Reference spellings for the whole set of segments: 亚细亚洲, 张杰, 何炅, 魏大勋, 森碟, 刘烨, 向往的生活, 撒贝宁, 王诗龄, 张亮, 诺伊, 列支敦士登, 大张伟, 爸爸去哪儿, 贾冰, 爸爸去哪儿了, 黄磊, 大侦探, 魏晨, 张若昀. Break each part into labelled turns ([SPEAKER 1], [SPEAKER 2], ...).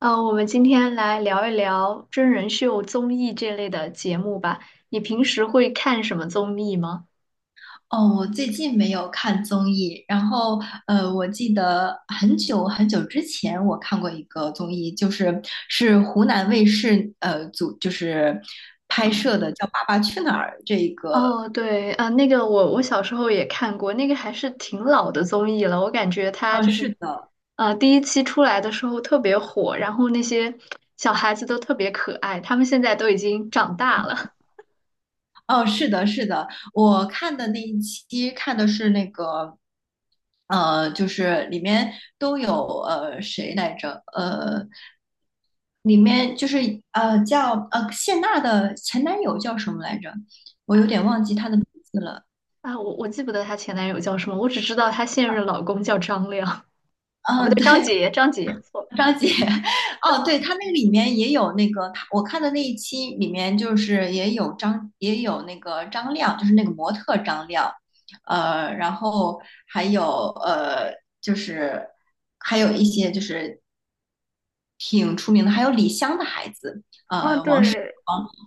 [SPEAKER 1] 我们今天来聊一聊真人秀、综艺这类的节目吧。你平时会看什么综艺吗？
[SPEAKER 2] 哦，我最近没有看综艺，然后我记得很久很久之前我看过一个综艺，就是是湖南卫视就是拍摄的，叫《爸爸去哪儿》这个。
[SPEAKER 1] 哦，对，啊、那个我小时候也看过，那个还是挺老的综艺了。我感觉它
[SPEAKER 2] 嗯、
[SPEAKER 1] 就
[SPEAKER 2] 是
[SPEAKER 1] 是，
[SPEAKER 2] 的。
[SPEAKER 1] 第一期出来的时候特别火，然后那些小孩子都特别可爱，他们现在都已经长大了
[SPEAKER 2] 哦，是的，是的。我看的那一期看的是那个就是里面都有谁来着？里面就是叫谢娜的前男友叫什么来着？我
[SPEAKER 1] 啊
[SPEAKER 2] 有点忘记他的名字了。
[SPEAKER 1] 啊！我记不得她前男友叫什么，我只知道她现任老公叫张亮啊，不对，
[SPEAKER 2] 嗯、对，
[SPEAKER 1] 张杰，错了。
[SPEAKER 2] 张杰。哦，对，他那个里面也有那个，他我看的那一期里面就是也有那个张亮，就是那个模特张亮。然后还有呃，就是还有一些就是挺出名的，还有李湘的孩子。
[SPEAKER 1] 啊，
[SPEAKER 2] 呃，王
[SPEAKER 1] 对，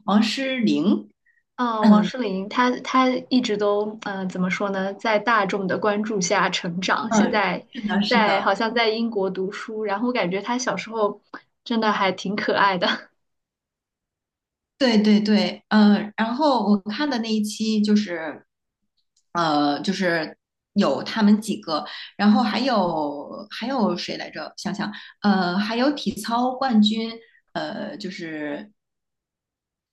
[SPEAKER 2] 王诗龄。
[SPEAKER 1] 嗯，王
[SPEAKER 2] 嗯
[SPEAKER 1] 诗龄，她一直都，怎么说呢，在大众的关注下成长。现
[SPEAKER 2] 嗯，
[SPEAKER 1] 在
[SPEAKER 2] 是的，是
[SPEAKER 1] 在
[SPEAKER 2] 的。
[SPEAKER 1] 好像在英国读书，然后感觉她小时候真的还挺可爱的。
[SPEAKER 2] 对对对。嗯，然后我看的那一期就是，就是有他们几个。然后还有谁来着？想想，还有体操冠军。就是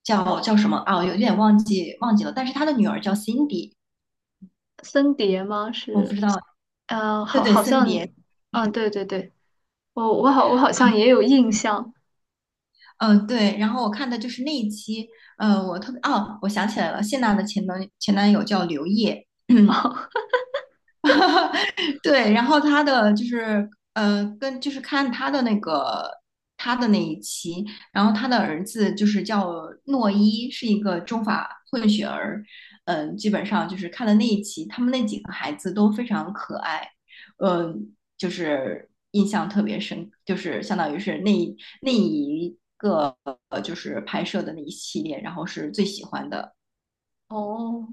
[SPEAKER 2] 叫什么啊？我有点忘记了，但是他的女儿叫 Cindy。
[SPEAKER 1] 森碟吗？
[SPEAKER 2] 我不知
[SPEAKER 1] 是，
[SPEAKER 2] 道。
[SPEAKER 1] 嗯，
[SPEAKER 2] 对
[SPEAKER 1] 好，
[SPEAKER 2] 对，
[SPEAKER 1] 好
[SPEAKER 2] 森碟。
[SPEAKER 1] 像，嗯，对对对，我好像
[SPEAKER 2] 啊。
[SPEAKER 1] 也有印象。
[SPEAKER 2] 嗯，对，然后我看的就是那一期。我特别，哦，我想起来了，谢娜的前男友叫刘烨。对，然后他的就是跟就是看他的那个他的那一期，然后他的儿子就是叫诺伊，是一个中法混血儿。嗯、基本上就是看了那一期，他们那几个孩子都非常可爱。嗯、就是印象特别深，就是相当于是那一个就是拍摄的那一系列，然后是最喜欢的。
[SPEAKER 1] 哦，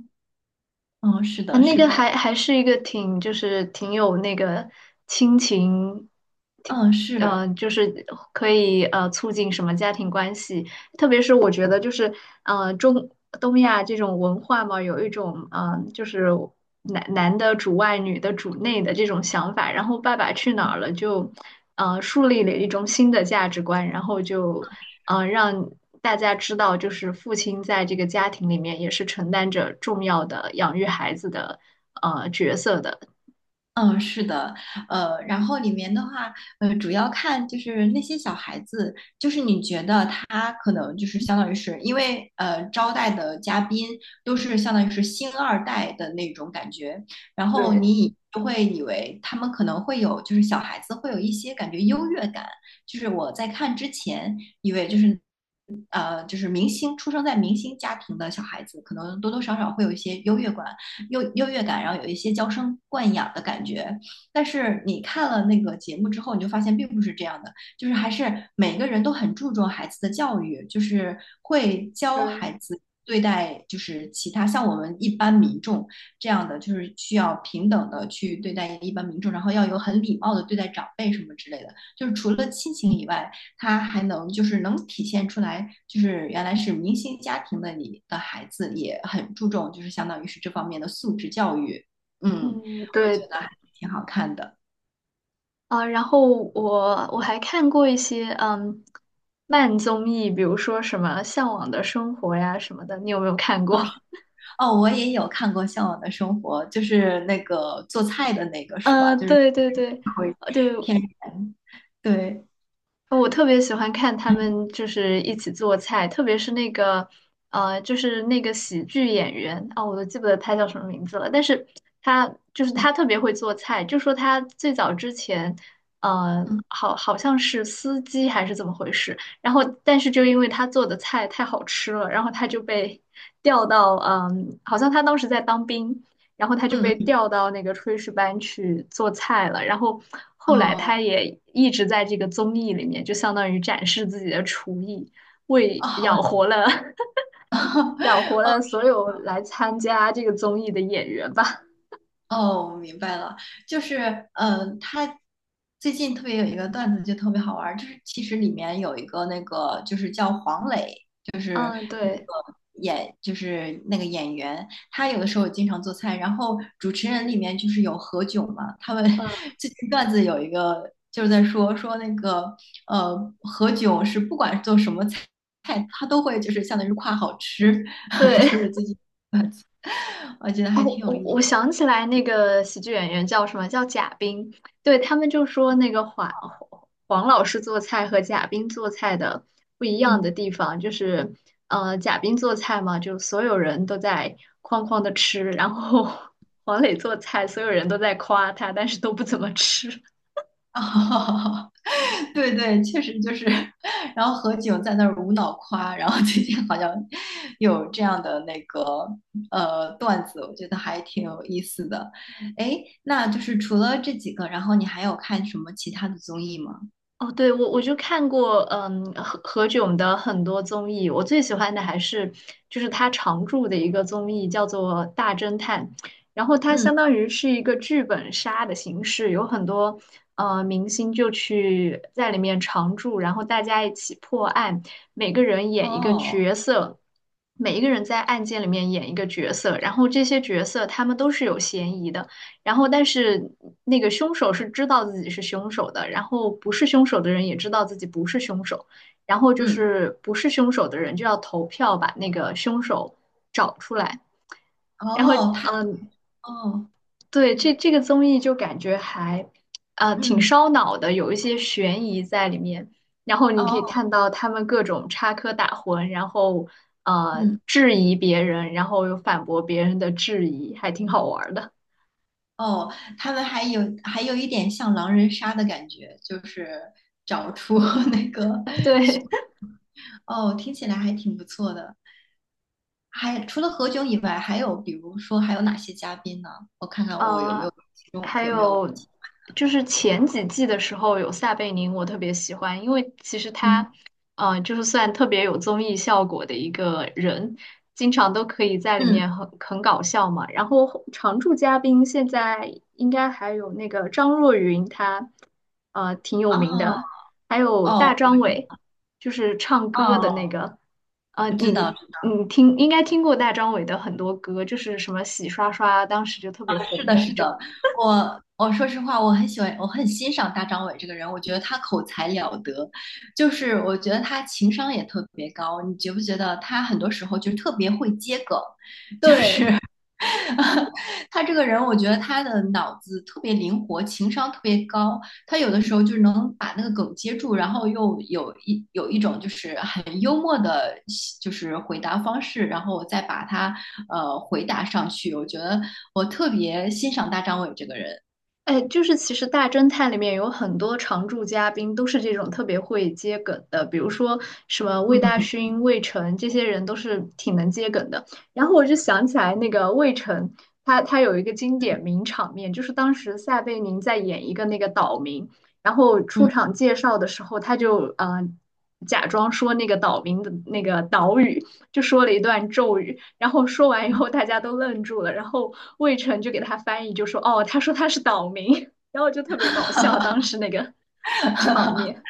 [SPEAKER 2] 嗯，是
[SPEAKER 1] 啊，
[SPEAKER 2] 的，
[SPEAKER 1] 那
[SPEAKER 2] 是
[SPEAKER 1] 个还
[SPEAKER 2] 的。
[SPEAKER 1] 还是一个挺，就是挺有那个亲情，挺
[SPEAKER 2] 嗯，是。
[SPEAKER 1] 就是可以促进什么家庭关系，特别是我觉得就是呃中东亚这种文化嘛，有一种就是男的主外，女的主内的这种想法。然后《爸爸去哪儿了》就，树立了一种新的价值观，然后就，让大家知道，就是父亲在这个家庭里面也是承担着重要的养育孩子的角色的。
[SPEAKER 2] 嗯，是的。然后里面的话，主要看就是那些小孩子，就是你觉得他可能就是相当于是因为招待的嘉宾都是相当于是星二代的那种感觉。然后
[SPEAKER 1] 对。
[SPEAKER 2] 你就会以为他们可能会有就是小孩子会有一些感觉优越感。就是我在看之前以为就是。就是明星出生在明星家庭的小孩子，可能多多少少会有一些优越感，优越感，然后有一些娇生惯养的感觉。但是你看了那个节目之后，你就发现并不是这样的，就是还是每个人都很注重孩子的教育，就是会教
[SPEAKER 1] 对，
[SPEAKER 2] 孩子。对待就是其他像我们一般民众这样的，就是需要平等的去对待一般民众，然后要有很礼貌的对待长辈什么之类的。就是除了亲情以外，他还能就是能体现出来，就是原来是明星家庭的你的孩子也很注重，就是相当于是这方面的素质教育。嗯，
[SPEAKER 1] 嗯，
[SPEAKER 2] 我
[SPEAKER 1] 对，
[SPEAKER 2] 觉得还挺好看的。
[SPEAKER 1] 啊、然后我还看过一些慢综艺，比如说什么《向往的生活》呀什么的，你有没有看过？
[SPEAKER 2] 哦是。哦，我也有看过《向往的生活》，就是那个做菜的那个 是吧？
[SPEAKER 1] 嗯，
[SPEAKER 2] 就是
[SPEAKER 1] 对对对，
[SPEAKER 2] 会
[SPEAKER 1] 对，
[SPEAKER 2] 骗人。对。
[SPEAKER 1] 我特别喜欢看他们就是一起做菜，特别是那个就是那个喜剧演员啊、我都记不得他叫什么名字了，但是他就是
[SPEAKER 2] 嗯
[SPEAKER 1] 他特别会做菜，就说他最早之前，
[SPEAKER 2] 嗯
[SPEAKER 1] 好像是司机还是怎么回事，然后但是就因为他做的菜太好吃了，然后他就被 调到好像他当时在当兵，然后他就
[SPEAKER 2] 嗯
[SPEAKER 1] 被调到那个炊事班去做菜了。然后
[SPEAKER 2] 嗯。
[SPEAKER 1] 后来他
[SPEAKER 2] 哦。
[SPEAKER 1] 也一直在这个综艺里面，就相当于展示自己的厨艺，为
[SPEAKER 2] 哦
[SPEAKER 1] 养活了 养活
[SPEAKER 2] 哦
[SPEAKER 1] 了所有来参加这个综艺的演员吧。
[SPEAKER 2] 哦，我明白了。就是嗯，他最近特别有一个段子就特别好玩儿，就是其实里面有一个那个就是叫黄磊
[SPEAKER 1] 嗯，对，
[SPEAKER 2] 演，就是那个演员，他有的时候经常做菜。然后主持人里面就是有何炅嘛，他们
[SPEAKER 1] 嗯，
[SPEAKER 2] 最近段子有一个就是在说那个呃何炅是不管做什么菜，他都会就是相当于夸好吃。就是
[SPEAKER 1] 对。
[SPEAKER 2] 最近我觉得
[SPEAKER 1] 哦，
[SPEAKER 2] 还挺有
[SPEAKER 1] 我
[SPEAKER 2] 意思。
[SPEAKER 1] 我想起来那个喜剧演员叫什么？叫贾冰。对，他们就说那个黄老师做菜和贾冰做菜的不一样的
[SPEAKER 2] 嗯。
[SPEAKER 1] 地方，就是贾冰做菜嘛，就所有人都在哐哐的吃，然后 黄磊做菜，所有人都在夸他，但是都不怎么吃。
[SPEAKER 2] 哦。对对，确实就是，然后何炅在那儿无脑夸，然后最近好像有这样的那个段子，我觉得还挺有意思的。哎，那就是除了这几个，然后你还有看什么其他的综艺吗？
[SPEAKER 1] 哦，对，我就看过，嗯，何炅的很多综艺，我最喜欢的还是就是他常驻的一个综艺叫做《大侦探》，然后它
[SPEAKER 2] 嗯。
[SPEAKER 1] 相当于是一个剧本杀的形式，有很多明星就去在里面常驻，然后大家一起破案，每个人演一个
[SPEAKER 2] 哦。
[SPEAKER 1] 角色，每一个人在案件里面演一个角色，然后这些角色他们都是有嫌疑的。然后但是那个凶手是知道自己是凶手的，然后不是凶手的人也知道自己不是凶手，然后就
[SPEAKER 2] 嗯。
[SPEAKER 1] 是不是凶手的人就要投票把那个凶手找出来。然后，
[SPEAKER 2] 哦，他。
[SPEAKER 1] 嗯，
[SPEAKER 2] 哦。
[SPEAKER 1] 对，这个综艺就感觉还，挺
[SPEAKER 2] 嗯。
[SPEAKER 1] 烧脑的，有一些悬疑在里面。然后你可以
[SPEAKER 2] 哦。
[SPEAKER 1] 看到他们各种插科打诨，然后
[SPEAKER 2] 嗯。
[SPEAKER 1] 质疑别人，然后又反驳别人的质疑，还挺好玩儿的。
[SPEAKER 2] 哦，他们还有一点像狼人杀的感觉，就是找出 那个。
[SPEAKER 1] 对。
[SPEAKER 2] 哦，听起来还挺不错的。还除了何炅以外，还有比如说还有哪些嘉宾呢？我看看我有没
[SPEAKER 1] 呃，
[SPEAKER 2] 有其中
[SPEAKER 1] 还
[SPEAKER 2] 有没有？
[SPEAKER 1] 有就是前几季的时候有撒贝宁，我特别喜欢，因为其实
[SPEAKER 2] 嗯
[SPEAKER 1] 他，就是算特别有综艺效果的一个人，经常都可以在里
[SPEAKER 2] 嗯。
[SPEAKER 1] 面很搞笑嘛。然后常驻嘉宾现在应该还有那个张若昀，他挺有
[SPEAKER 2] 哦
[SPEAKER 1] 名的，还有大
[SPEAKER 2] 哦。
[SPEAKER 1] 张伟，就是唱歌的那
[SPEAKER 2] 哦，
[SPEAKER 1] 个。呃，
[SPEAKER 2] 我
[SPEAKER 1] 你
[SPEAKER 2] 知
[SPEAKER 1] 你
[SPEAKER 2] 道。
[SPEAKER 1] 你听应该听过大张伟的很多歌，就是什么洗刷刷，当时就特别
[SPEAKER 2] 是
[SPEAKER 1] 红
[SPEAKER 2] 的，
[SPEAKER 1] 的
[SPEAKER 2] 是
[SPEAKER 1] 那种。
[SPEAKER 2] 的。我说实话，我很喜欢，我很欣赏大张伟这个人。我觉得他口才了得，就是我觉得他情商也特别高。你觉不觉得他很多时候就是特别会接梗？
[SPEAKER 1] 对，
[SPEAKER 2] 他这个人，我觉得他的脑子特别灵活，情商特别高。他有的时候就是能把那个梗接住，然后又有一种就是很幽默的，就是回答方式，然后再把它回答上去。我觉得我特别欣赏大张伟这个人。
[SPEAKER 1] 哎，就是其实《大侦探》里面有很多常驻嘉宾都是这种特别会接梗的，比如说什么魏大
[SPEAKER 2] 嗯
[SPEAKER 1] 勋、魏晨这些人都是挺能接梗的。然后我就想起来那个魏晨，他有一个经典名场面，就是当时撒贝宁在演一个那个岛民，然后
[SPEAKER 2] 嗯
[SPEAKER 1] 出
[SPEAKER 2] 嗯。
[SPEAKER 1] 场介绍的时候，他就假装说那个岛民的那个岛语，就说了一段咒语，然后说完以后，大家都愣住了，然后魏晨就给他翻译，就说："哦，他说他是岛民。然后就特别搞笑，当时那个场面。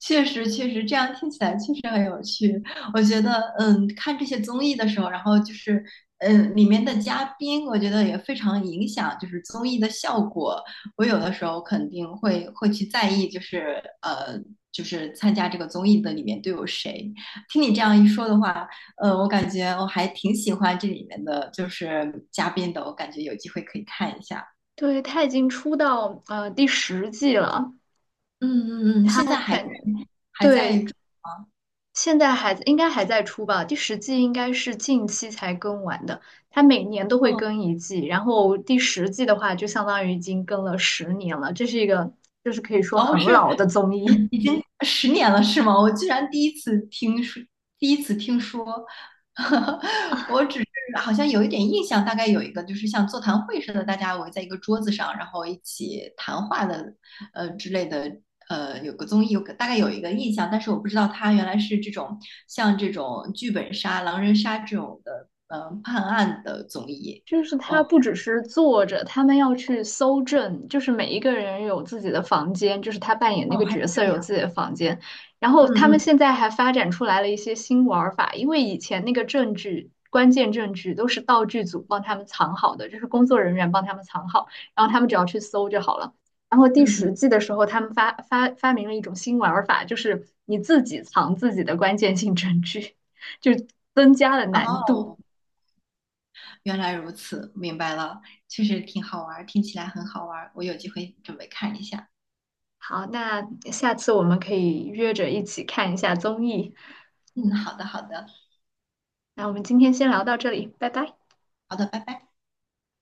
[SPEAKER 2] 确实，确实，这样听起来确实很有趣。我觉得，嗯，看这些综艺的时候，然后就是，嗯，里面的嘉宾，我觉得也非常影响，就是综艺的效果。我有的时候肯定会去在意，就是就是参加这个综艺的里面都有谁。听你这样一说的话，我感觉我还挺喜欢这里面的就是嘉宾的，我感觉有机会可以看一下。
[SPEAKER 1] 对，他已经出到第十季了，
[SPEAKER 2] 嗯嗯嗯，
[SPEAKER 1] 他
[SPEAKER 2] 现在还在
[SPEAKER 1] 反
[SPEAKER 2] 还在
[SPEAKER 1] 对
[SPEAKER 2] 追吗？
[SPEAKER 1] 现在还应该还在出吧，第十季应该是近期才更完的，他每年都会
[SPEAKER 2] 哦
[SPEAKER 1] 更一季，然后第十季的话就相当于已经更了10年了，这是一个就是可以说
[SPEAKER 2] 哦，
[SPEAKER 1] 很
[SPEAKER 2] 是
[SPEAKER 1] 老的综艺。
[SPEAKER 2] 已经10年了是吗？我居然第一次听说，第一次听说。我只是好像有一点印象，大概有一个就是像座谈会似的，大家围在一个桌子上，然后一起谈话的之类的，有个综艺，大概有一个印象，但是我不知道它原来是像这种剧本杀、狼人杀这种的，判案的综艺。
[SPEAKER 1] 就是
[SPEAKER 2] 哦
[SPEAKER 1] 他不只是坐着，他们要去搜证，就是每一个人有自己的房间，就是他扮演那
[SPEAKER 2] 哦，
[SPEAKER 1] 个
[SPEAKER 2] 还是
[SPEAKER 1] 角色
[SPEAKER 2] 这
[SPEAKER 1] 有
[SPEAKER 2] 样。
[SPEAKER 1] 自己的房间。然后
[SPEAKER 2] 嗯
[SPEAKER 1] 他们
[SPEAKER 2] 嗯
[SPEAKER 1] 现在还发展出来了一些新玩儿法，因为以前那个证据、关键证据都是道具组帮他们藏好的，就是工作人员帮他们藏好，然后他们只要去搜就好了。然后第
[SPEAKER 2] 嗯
[SPEAKER 1] 十季的时候，他们发明了一种新玩儿法，就是你自己藏自己的关键性证据，就增加了
[SPEAKER 2] 嗯。
[SPEAKER 1] 难度。
[SPEAKER 2] 哦，原来如此，明白了，确实挺好玩，听起来很好玩，我有机会准备看一下。
[SPEAKER 1] 好，那下次我们可以约着一起看一下综艺。
[SPEAKER 2] 嗯，好的，好的。
[SPEAKER 1] 那我们今天先聊到这里，拜拜。
[SPEAKER 2] 好的，拜拜。